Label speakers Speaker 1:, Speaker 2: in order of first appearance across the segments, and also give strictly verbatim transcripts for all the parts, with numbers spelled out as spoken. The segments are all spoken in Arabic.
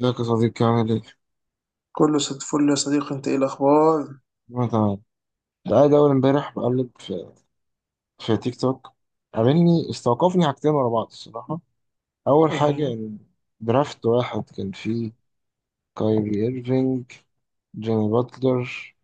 Speaker 1: ازيك يا صديقي، عامل ايه؟
Speaker 2: كله صد فل يا صديقي، انت ايه الاخبار؟
Speaker 1: أنا تمام. كنت قاعد أول امبارح بقلب في في تيك توك. عاملني، استوقفني حاجتين ورا بعض الصراحة. أول
Speaker 2: ايه
Speaker 1: حاجة
Speaker 2: هما؟
Speaker 1: إن درافت واحد كان فيه كايري إيرفينج، جيمي باتلر،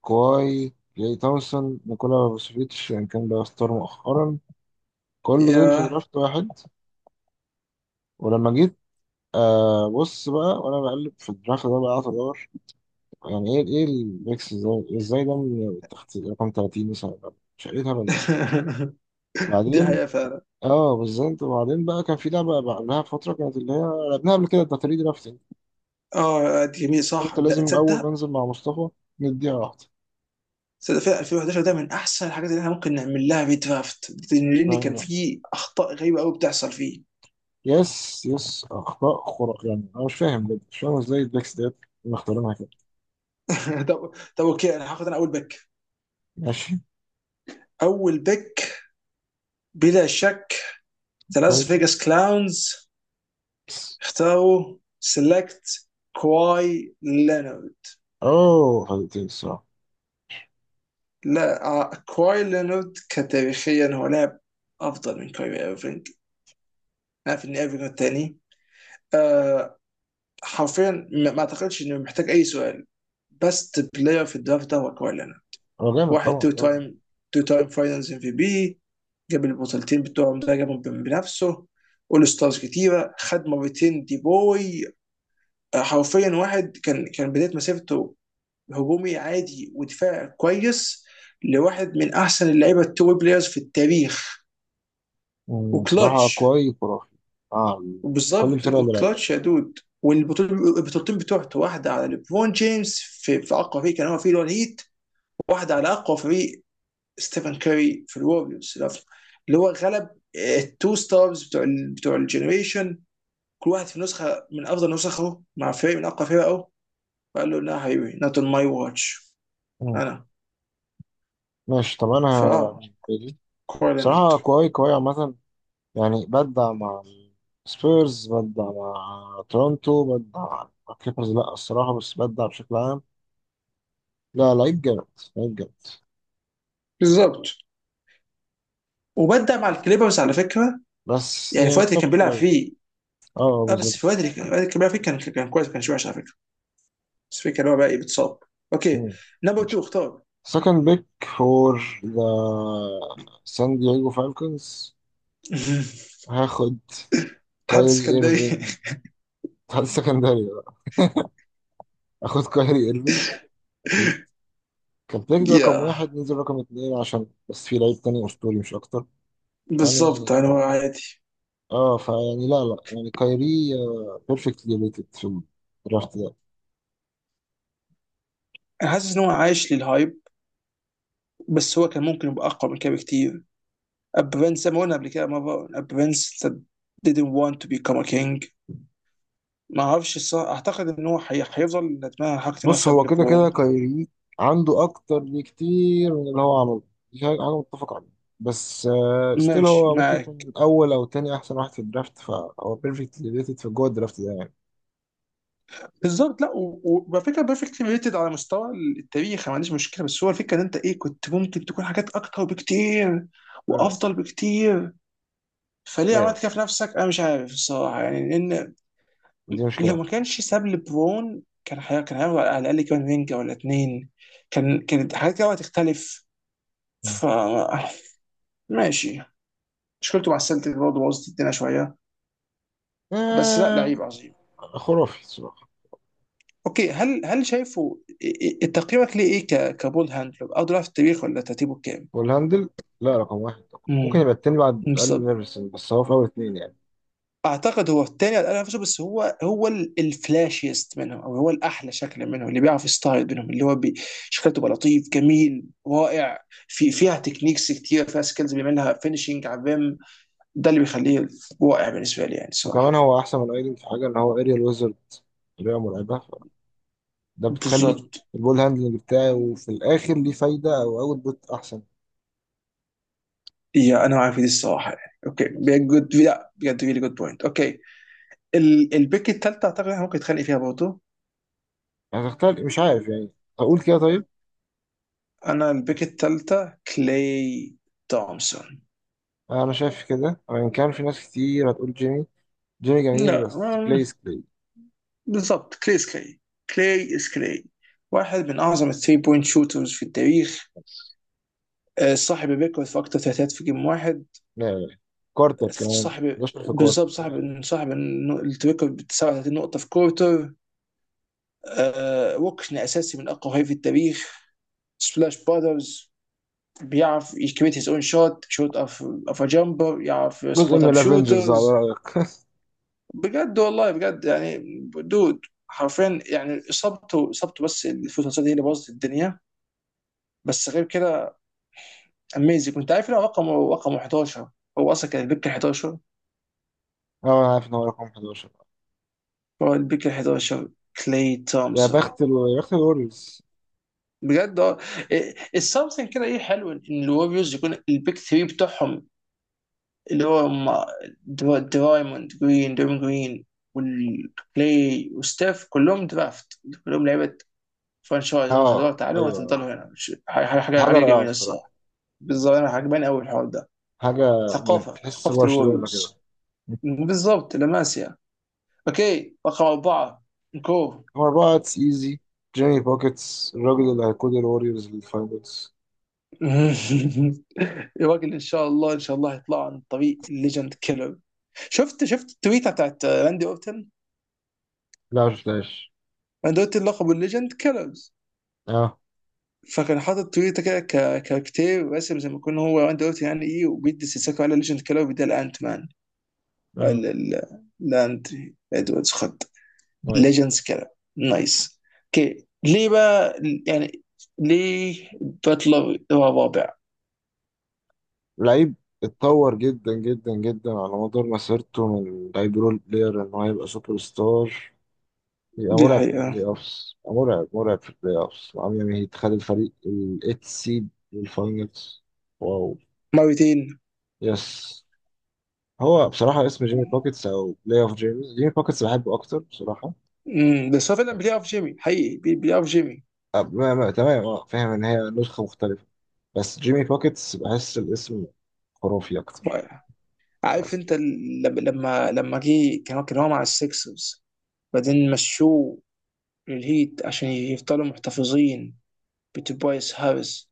Speaker 1: كواي، جاي تومسون، نيكولا فوسفيتش، يعني كان بقى ستار مؤخرا. كل دول في
Speaker 2: يا.
Speaker 1: درافت واحد. ولما جيت، آه بص بقى، وأنا بقلب في الدرافت ده بقى قعدت أدور، يعني إيه إيه الميكس، إزاي إزاي ده من تحت رقم ثلاثين مثلا؟ مش عارف إيه الهبل.
Speaker 2: دي
Speaker 1: وبعدين،
Speaker 2: حقيقة فعلا.
Speaker 1: اه بالظبط. وبعدين بقى كان في لعبة بقى فترة، كانت اللي هي لعبناها قبل كده، بتاع تلات درافتنج.
Speaker 2: اه، دي جميل، صح،
Speaker 1: قلت
Speaker 2: ده
Speaker 1: لازم أول
Speaker 2: تصدق؟
Speaker 1: ما أنزل مع مصطفى نديها واحدة.
Speaker 2: تصدق فعلا، ألفين وحداشر ده من احسن الحاجات اللي احنا ممكن نعمل لها ريدرافت،
Speaker 1: مش
Speaker 2: لان
Speaker 1: فاهم
Speaker 2: كان
Speaker 1: بقى.
Speaker 2: فيه اخطاء غريبة قوي بتحصل فيه.
Speaker 1: يس، يس، أخطاء خرق، يعني أنا مش فاهم بجد، مش فاهم إزاي البيكس ديت مختارينها كده.
Speaker 2: طب، طب اوكي، انا هاخد انا اول بيك.
Speaker 1: ماشي.
Speaker 2: اول بيك بلا شك، ذا لاس
Speaker 1: طيب،
Speaker 2: فيجاس كلاونز
Speaker 1: بس.
Speaker 2: اختاروا سيلكت كواي لينارد.
Speaker 1: أوه فايتين الصراحة.
Speaker 2: لا، آه، كواي لينارد كتاريخيا هو لاعب افضل من كايري ايرفينج. نعرف ان ايرفينج الثاني. آه حرفيا ما ما اعتقدش انه محتاج اي سؤال. بست بلاير في الدرافت ده هو كواي لينارد.
Speaker 1: هو جامد،
Speaker 2: واحد
Speaker 1: طبعا
Speaker 2: تو
Speaker 1: طبعا.
Speaker 2: تايم تو تايم فاينلز ام في بي. جاب البطولتين بتوعهم، ده جابهم بنفسه. اول ستارز كتيره، خد مرتين دي بوي. آه، حرفيا واحد كان كان بدايه مسيرته هجومي عادي ودفاع كويس لواحد من احسن اللعيبه التو بلايرز في التاريخ.
Speaker 1: مم، بصراحة
Speaker 2: وكلتش.
Speaker 1: كويس خرافي. آه. كل
Speaker 2: وبالظبط.
Speaker 1: الفرق اللي لعبها.
Speaker 2: كلاتش يا دود، والبطولتين البطولتين بتوعته، واحده على ليبرون جيمس في, في اقوى فريق كان هو فيه، اللي هو الهيت. واحده على اقوى فريق، ستيفن كاري في الوريورز، اللي هو غلب التو ستارز بتوع ال بتوع الجنريشن. كل واحد في نسخه من افضل نسخه مع فريق من اقوى فرقه. وقال له لا حبيبي، نوت اون ماي واتش.
Speaker 1: مم،
Speaker 2: انا
Speaker 1: ماشي، طب
Speaker 2: فاه
Speaker 1: أنا
Speaker 2: كوردينيت.
Speaker 1: بصراحة كويس كويس عامة، يعني بدع مع سبيرز، بدع مع تورونتو، بدع مع كليبرز، لا الصراحة، بس بدع بشكل عام. لا، لعيب جامد. لعيب جامد.
Speaker 2: بالظبط، وبدع مع الكليبرز على فكره،
Speaker 1: بس
Speaker 2: يعني في
Speaker 1: يعني
Speaker 2: الوقت اللي
Speaker 1: توب
Speaker 2: كان
Speaker 1: كتير
Speaker 2: بيلعب
Speaker 1: أوي.
Speaker 2: فيه.
Speaker 1: اه، آه،
Speaker 2: اه بس في
Speaker 1: بالظبط.
Speaker 2: الوقت اللي كان الوقت اللي كان بيلعب فيه كان كان كويس، ما كانش وحش على فكره. بس فكرة اللي هو بقى ايه بتصاب. اوكي، نمبر تو اختار.
Speaker 1: سكند بيك فور ذا سان دييغو فالكونز. هاخد
Speaker 2: الاتحاد
Speaker 1: كايري
Speaker 2: السكندري.
Speaker 1: ايرفينج. هذا السكندري بقى. هاخد كايري ايرفينج، اكيد. كان بيك ده رقم
Speaker 2: يا.
Speaker 1: واحد، نزل رقم اتنين عشان بس في لعيب تاني اسطوري، مش اكتر. يعني،
Speaker 2: بالظبط، انا هو عادي.
Speaker 1: اه فيعني، لا لا، يعني كايري بيرفكتلي ريتد في الدرافت ده.
Speaker 2: انا حاسس ان هو عايش للهايب، بس هو كان ممكن يبقى اقوى من كده بكتير. ابرنس زي ما قلنا قبل كده مره، ابرنس didn't want to become a king. ما اعرفش الصراحه، اعتقد ان هو حي... هيفضل ندمان على حركه ان هو
Speaker 1: بص،
Speaker 2: ساب
Speaker 1: هو كده كده
Speaker 2: لبرون.
Speaker 1: كايري عنده اكتر بكتير من اللي هو عمله. دي حاجة حاجة متفق عليها. بس ستيل
Speaker 2: ماشي
Speaker 1: هو ممكن
Speaker 2: معاك.
Speaker 1: يكون اول او تاني احسن واحد في الدرافت، فهو بيرفكتلي ريتد في جوه الدرافت ده يعني.
Speaker 2: بالظبط، لا، و- و- وعلى فكره بيرفكت ريتد على مستوى التاريخ. ما عنديش مشكله، بس هو الفكره ان انت ايه، كنت ممكن تكون حاجات اكتر بكتير
Speaker 1: آه.
Speaker 2: وافضل بكتير. فليه
Speaker 1: لا يا
Speaker 2: عملت كده
Speaker 1: بس،
Speaker 2: في نفسك؟ انا مش عارف الصراحه يعني، لان
Speaker 1: دي
Speaker 2: لو
Speaker 1: مشكلة
Speaker 2: ما كانش ساب لبرون كان، حي... كان هياخد على الاقل كمان رينجا ولا اتنين. كان كانت حاجات كده هتختلف. ف
Speaker 1: فيه.
Speaker 2: ماشي. مشكلته مع السلتيك برضه بوظت الدنيا شويه، بس لا،
Speaker 1: آه،
Speaker 2: لعيب عظيم.
Speaker 1: خرافي الصراحة.
Speaker 2: اوكي، هل هل شايفه؟ إيه- إيه- تقييمك ليه ايه ك- كبول هاندلر او دراft التاريخ، ولا ترتيبه كام؟
Speaker 1: والهاندل، لا رقم واحد طبعا، ممكن
Speaker 2: امم
Speaker 1: يبقى التاني بعد أقل من
Speaker 2: بالظبط.
Speaker 1: نيرفسون، بس هو في أول اتنين يعني.
Speaker 2: اعتقد هو الثاني على الأقل نفسه، بس هو هو ال- الفلاشيست منهم، او هو الاحلى شكل منهم، اللي بيعرف يستعرض منهم، اللي هو بي- شكله تبقى لطيف جميل رائع. في فيها تكنيكس كتير، فيها سكيلز بيعملها، فينشنج على الريم. ده اللي بيخليه رائع بالنسبه لي يعني
Speaker 1: وكمان
Speaker 2: الصراحه.
Speaker 1: هو احسن من ايدن في حاجه، ان هو اريال ويزرد، طريقه مرعبه. ده بتخلي
Speaker 2: بالظبط.
Speaker 1: البول هاندلنج بتاعي، وفي الاخر ليه فايده او اوت بوت احسن.
Speaker 2: يا، انا معاك في دي الصراحه يعني. اوكي، جود، لا بجد، ريلي جود بوينت. اوكي، ال- البيك التالتة أعتقد إحنا ممكن نتخانق فيها برضه.
Speaker 1: يعني هتختار، مش عارف يعني. اقول كده طيب.
Speaker 2: أنا البيك التالتة كلاي تومسون.
Speaker 1: انا شايف كده، وان كان في ناس كتير هتقول جيمي، جيمي جميل
Speaker 2: لا
Speaker 1: بس
Speaker 2: ما-
Speaker 1: كليس كلي.
Speaker 2: بالضبط، كلاي إز كلاي، كلاي إز كلاي، واحد من أعظم الثري بوينت شوترز في التاريخ.
Speaker 1: بس.
Speaker 2: آه، صاحب الريكورد في أكتر ثلاثيات في جيم واحد.
Speaker 1: لا لا، كارتر كمان
Speaker 2: صاحب
Speaker 1: احداشر في
Speaker 2: بالظبط
Speaker 1: كارتر، لا لا.
Speaker 2: صاحب صاحب النو- الريكورد ب تسعة وتلاتين نقطة في كورتر. آه، ركن أساسي من أقوى هاي في التاريخ، سبلاش بادرز. بيعرف يكريت هيز اون شوت، شوت اوف اوف ا جامبر. يعرف
Speaker 1: جزء
Speaker 2: سبوت
Speaker 1: من
Speaker 2: اب
Speaker 1: الافنجرز على
Speaker 2: شوترز.
Speaker 1: رايك.
Speaker 2: بجد والله، بجد يعني دود، حرفيا يعني، اصابته اصابته بس الفوتوسات هي اللي بوظت الدنيا. بس غير كده اميزنج. كنت عارف ان هو رقم رقم حداشر، هو اصلا كان البيك أحد عشر،
Speaker 1: اه انا عارف ان هو رقم احداشر.
Speaker 2: هو البيك أحد عشر، كلاي
Speaker 1: يا
Speaker 2: تومسون.
Speaker 1: بخت ال... يا بخت الوريوز.
Speaker 2: بجد. اه السمثينج كده ايه حلو ان الوريوز يكون البيك تلاتة بتاعهم، اللي هو ما- درا- درايموند جرين، درايموند جرين والكلاي وستاف، كلهم درافت، كلهم لعيبه فرانشايز. هم خدوها
Speaker 1: اه
Speaker 2: تعالوا وهتفضلوا
Speaker 1: ايوه،
Speaker 2: هنا. مش حاجه حاجه
Speaker 1: حاجه
Speaker 2: حاجة
Speaker 1: رائعه
Speaker 2: جميله
Speaker 1: الصراحه.
Speaker 2: الصراحه. بالظبط. انا عجباني قوي الحوار ده،
Speaker 1: حاجة، من-
Speaker 2: ثقافه
Speaker 1: تحس
Speaker 2: ثقافه
Speaker 1: برشلونة كده.
Speaker 2: الوريوز. بالظبط، لاماسيا. اوكي، رقم اربعه، نكو.
Speaker 1: نمبر أربعة اتس ايزي، جيمي بوكيتس الراجل اللي هيقود الوريورز للفاينلز.
Speaker 2: يا راجل، ان شاء الله ان شاء الله هيطلع عن طريق الليجند كيلر. شفت شفت التويته بتاعت راندي اورتن؟
Speaker 1: لا مش فلاش.
Speaker 2: راندي اورتن لقبه الليجند كيلرز.
Speaker 1: اه
Speaker 2: فكان حاطط تويتة كده، ك- كاركتير راسم زي ما يكون هو وان دلوقتي يعني ايه، وبيدي سيساكو على ليجند كده، وبيديها لانت مان،
Speaker 1: اه،
Speaker 2: ال- ال- لاند ادواردز، خد
Speaker 1: نايس.
Speaker 2: ليجندز كده. نايس. اوكي، ليه بقى يعني ليه باتلر هو الرابع؟
Speaker 1: لعيب اتطور جدا جدا جدا على مدار مسيرته، من لعيب رول بلاير ان هو يبقى سوبر ستار، يبقى
Speaker 2: دي
Speaker 1: مرعب في
Speaker 2: حقيقة.
Speaker 1: البلاي اوفس، يبقى مرعب مرعب في البلاي اوفس، وعم يعمل هيت، خد الفريق الايت سيد للفاينلز. واو.
Speaker 2: مرتين.
Speaker 1: يس. هو بصراحة اسم جيمي بوكيتس أو بلاي أوف جيمي، جيمي بوكيتس بحبه أكتر بصراحة.
Speaker 2: امم بس هو فعلا بلاي اوف جيمي حقيقي، بي- بلاي اوف جيمي.
Speaker 1: آه، ما ما تمام، اه فاهم ان هي نسخة مختلفة، بس جيمي بوكيتس بحس الاسم خرافي اكتر.
Speaker 2: عارف
Speaker 1: بس.
Speaker 2: انت ال- لما لما لما جه كان كان هو مع السكسرز، بعدين مشوه للهيت عشان يفضلوا محتفظين بتوبايس هاريس.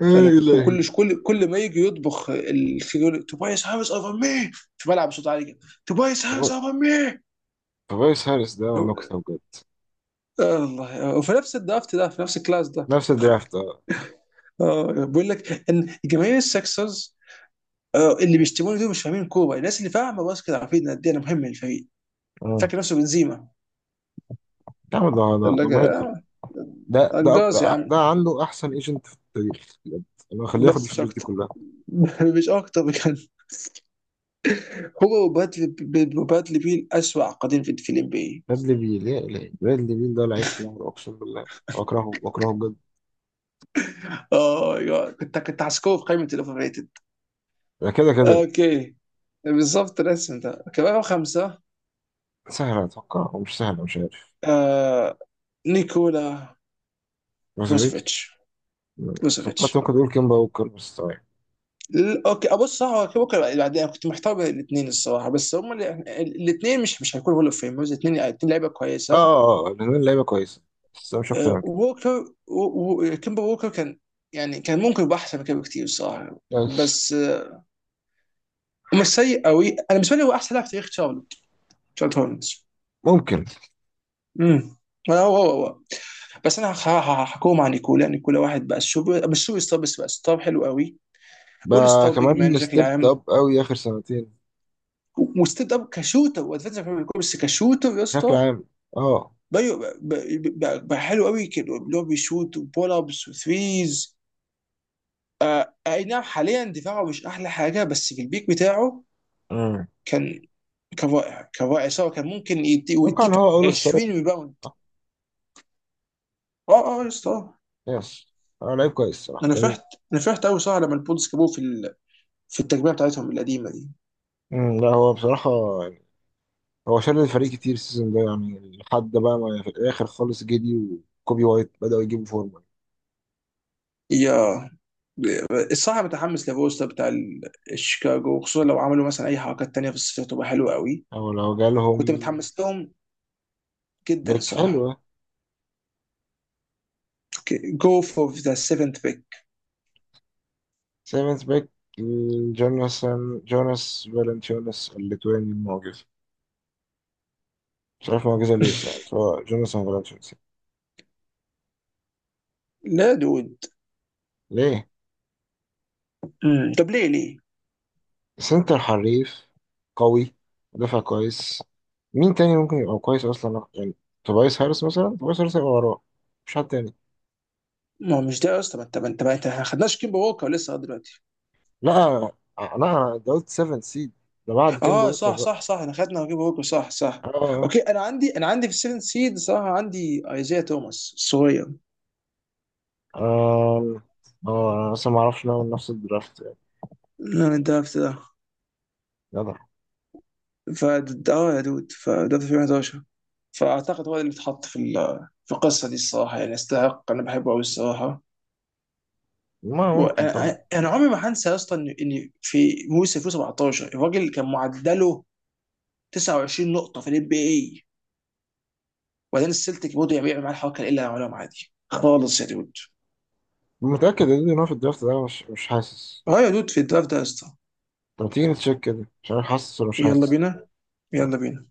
Speaker 1: يا
Speaker 2: فانا كل
Speaker 1: الهي،
Speaker 2: كل كل ما يجي يطبخ ال- يقول توبايس هاريس اوفر مي، فبلعب بصوت عالي كده، توبايس هاريس اوفر مي.
Speaker 1: فبايس هاريس ده
Speaker 2: لو-
Speaker 1: نكتة بجد.
Speaker 2: آه الله. وفي نفس الدرافت ده، في نفس الكلاس ده.
Speaker 1: نفس الدرافت، اه،
Speaker 2: اه، بقول لك ان جماهير السكسرز آه، اللي بيشتموني دول مش فاهمين كوره. الناس اللي فاهمه باسكت عارفين قد ايه انا مهم للفريق.
Speaker 1: آه.
Speaker 2: فاكر نفسه بنزيما.
Speaker 1: يا عم ده ده
Speaker 2: قال
Speaker 1: ده
Speaker 2: لك
Speaker 1: مهيطر،
Speaker 2: آه.
Speaker 1: ده ده
Speaker 2: انجاز يا
Speaker 1: أك- ده
Speaker 2: عم،
Speaker 1: عنده احسن ايجنت في التاريخ بجد. انا هخليه ياخد
Speaker 2: بس مش
Speaker 1: الفلوس دي
Speaker 2: اكتر.
Speaker 1: كلها.
Speaker 2: مش اكتر بجد. هو وبادلي بادلي بيل، اسوأ عقدين في في الام بي.
Speaker 1: برادلي بيل، يا الهي، برادلي بيل ده لعيب حلو اقسم بالله. بكرهه بكرهه بجد.
Speaker 2: اه يا- كنت كنت هسكوه في قائمه الاوفر ريتد.
Speaker 1: ده كده كده،
Speaker 2: اوكي، بالظبط، الاسم ده. اوكي، رقم خمسه،
Speaker 1: سهل اتوقع ومش سهل، مش عارف.
Speaker 2: آه نيكولا
Speaker 1: بس
Speaker 2: بروزوفيتش،
Speaker 1: فكرت
Speaker 2: بروزوفيتش
Speaker 1: ممكن تقول كيمبا ووكر، بس آه.
Speaker 2: ل- اوكي، ابص صح، هو ممكن يبقى بعدين. انا كنت محتار بين الاثنين الصراحه، بس هم الاثنين مش مش هيكونوا هول اوف فيمرز. الاثنين الاثنين لعيبه
Speaker 1: اه
Speaker 2: كويسه.
Speaker 1: اه، آه، لأن اللعيبه كويسه، بس مش اكتر
Speaker 2: آه
Speaker 1: من كده.
Speaker 2: ووكر، و- و- كيمبا ووكر كان، يعني كان ممكن يبقى احسن من كده بكتير الصراحه،
Speaker 1: بس.
Speaker 2: بس آه ومش سيء قوي. انا بالنسبه لي هو احسن لاعب في تاريخ شارلوت شارلوت هولمز.
Speaker 1: ممكن.
Speaker 2: امم هو هو هو بس انا هخ- هخ- هحكوهم عن نيكولا نيكولا واحد بقى السوبر مش سوبر ستار، بس بقى ستار حلو قوي. اول
Speaker 1: بقى
Speaker 2: ستار بيج مان
Speaker 1: كمان
Speaker 2: بشكل
Speaker 1: ستيب
Speaker 2: عام،
Speaker 1: اب قوي اخر سنتين،
Speaker 2: وستيد اب كشوتر وادفنتشر، بس كشوتر يا
Speaker 1: بشكل
Speaker 2: اسطى.
Speaker 1: عام. اه.
Speaker 2: بقى, بقى, بقى, بقى حلو قوي كده، اللي هو بيشوت وبول ابس وثريز. آه، اي نعم. حاليا دفاعه مش احلى حاجه، بس في البيك بتاعه
Speaker 1: امم
Speaker 2: كان كان رائع كان رائع. سواء كان ممكن يدي
Speaker 1: اتوقع ان
Speaker 2: ويديك
Speaker 1: هو اول ستار.
Speaker 2: عشرين ريباوند.
Speaker 1: آه،
Speaker 2: اه، اه يا اسطى. آه.
Speaker 1: يس. هو لعيب كويس صراحه،
Speaker 2: انا
Speaker 1: جميل.
Speaker 2: فرحت، انا فرحت قوي صراحه لما البولز جابوه في ال- في التجميع بتاعتهم القديمه دي.
Speaker 1: أمم، لا هو بصراحه يعني، هو شال الفريق كتير السيزون ده، يعني لحد بقى ما في الاخر خالص جدي، وكوبي وايت بداوا يجيبوا فورمه.
Speaker 2: يا، الصراحه متحمس لفوستا بتاع ال- الشيكاغو، خصوصا لو عملوا مثلا اي حركات تانية في الصيف تبقى حلوه قوي.
Speaker 1: او لو جالهم
Speaker 2: كنت متحمس لهم جدا
Speaker 1: باك
Speaker 2: صراحه.
Speaker 1: حلوه.
Speaker 2: اوكي، جو فور ذا سيفنت بيك.
Speaker 1: سيمنز باك. جوناثان، جوناس فالنتينوس الليتواني المعجز، مش عارف معجزة ليه صراحة، سواء جوناثان فرانشنسي.
Speaker 2: لا دود.
Speaker 1: ليه؟
Speaker 2: مم. طب، ليه ليه؟
Speaker 1: سنتر حريف قوي، مدافع كويس. مين تاني ممكن يبقى كويس أصلا يعني؟ توبايس هارس مثلا، توبايس هارس هيبقى وراه، مش حد تاني.
Speaker 2: ما هو مش ده اصلا، انت انت ما انت ما خدناش كيمبا ووكر لسه لغايه دلوقتي.
Speaker 1: لا لا، ده قلت سفن سيد، ده بعد كيمبا
Speaker 2: اه،
Speaker 1: بوكر
Speaker 2: صح
Speaker 1: بقى.
Speaker 2: صح صح، انا خدنا كيمبا ووكر، صح صح.
Speaker 1: اه
Speaker 2: اوكي، انا عندي انا عندي في السيفن سيد صراحه، عندي ايزيا توماس الصغير.
Speaker 1: اه اه، انا لسه ما اعرفش لو نفس الدرافت يعني.
Speaker 2: انا الدرافت ده.
Speaker 1: جدع.
Speaker 2: ف اه يا دود، فده في ألفين وحداشر، فاعتقد هو اللي اتحط في ال- في القصه دي الصراحه يعني. يستحق، انا بحبه قوي الصراحه.
Speaker 1: ما ممكن طبعا.
Speaker 2: وانا انا عمري ما هنسى يا اسطى ان إن في موسم ألفين وسبعة عشر الراجل كان معدله تسعة وعشرين نقطه في الام بي اي. وبعدين السلتيك برضه بيعمل معاه الحركه اللي عملهم عادي خالص يا دود
Speaker 1: متأكد ان هو في الدرافت ده، مش مش حاسس.
Speaker 2: اه يا دود في الدراft ده يا اسطى.
Speaker 1: طب تيجي نتشيك كده، مش عارف حاسس ولا مش
Speaker 2: يلا
Speaker 1: حاسس.
Speaker 2: بينا، يلا بينا.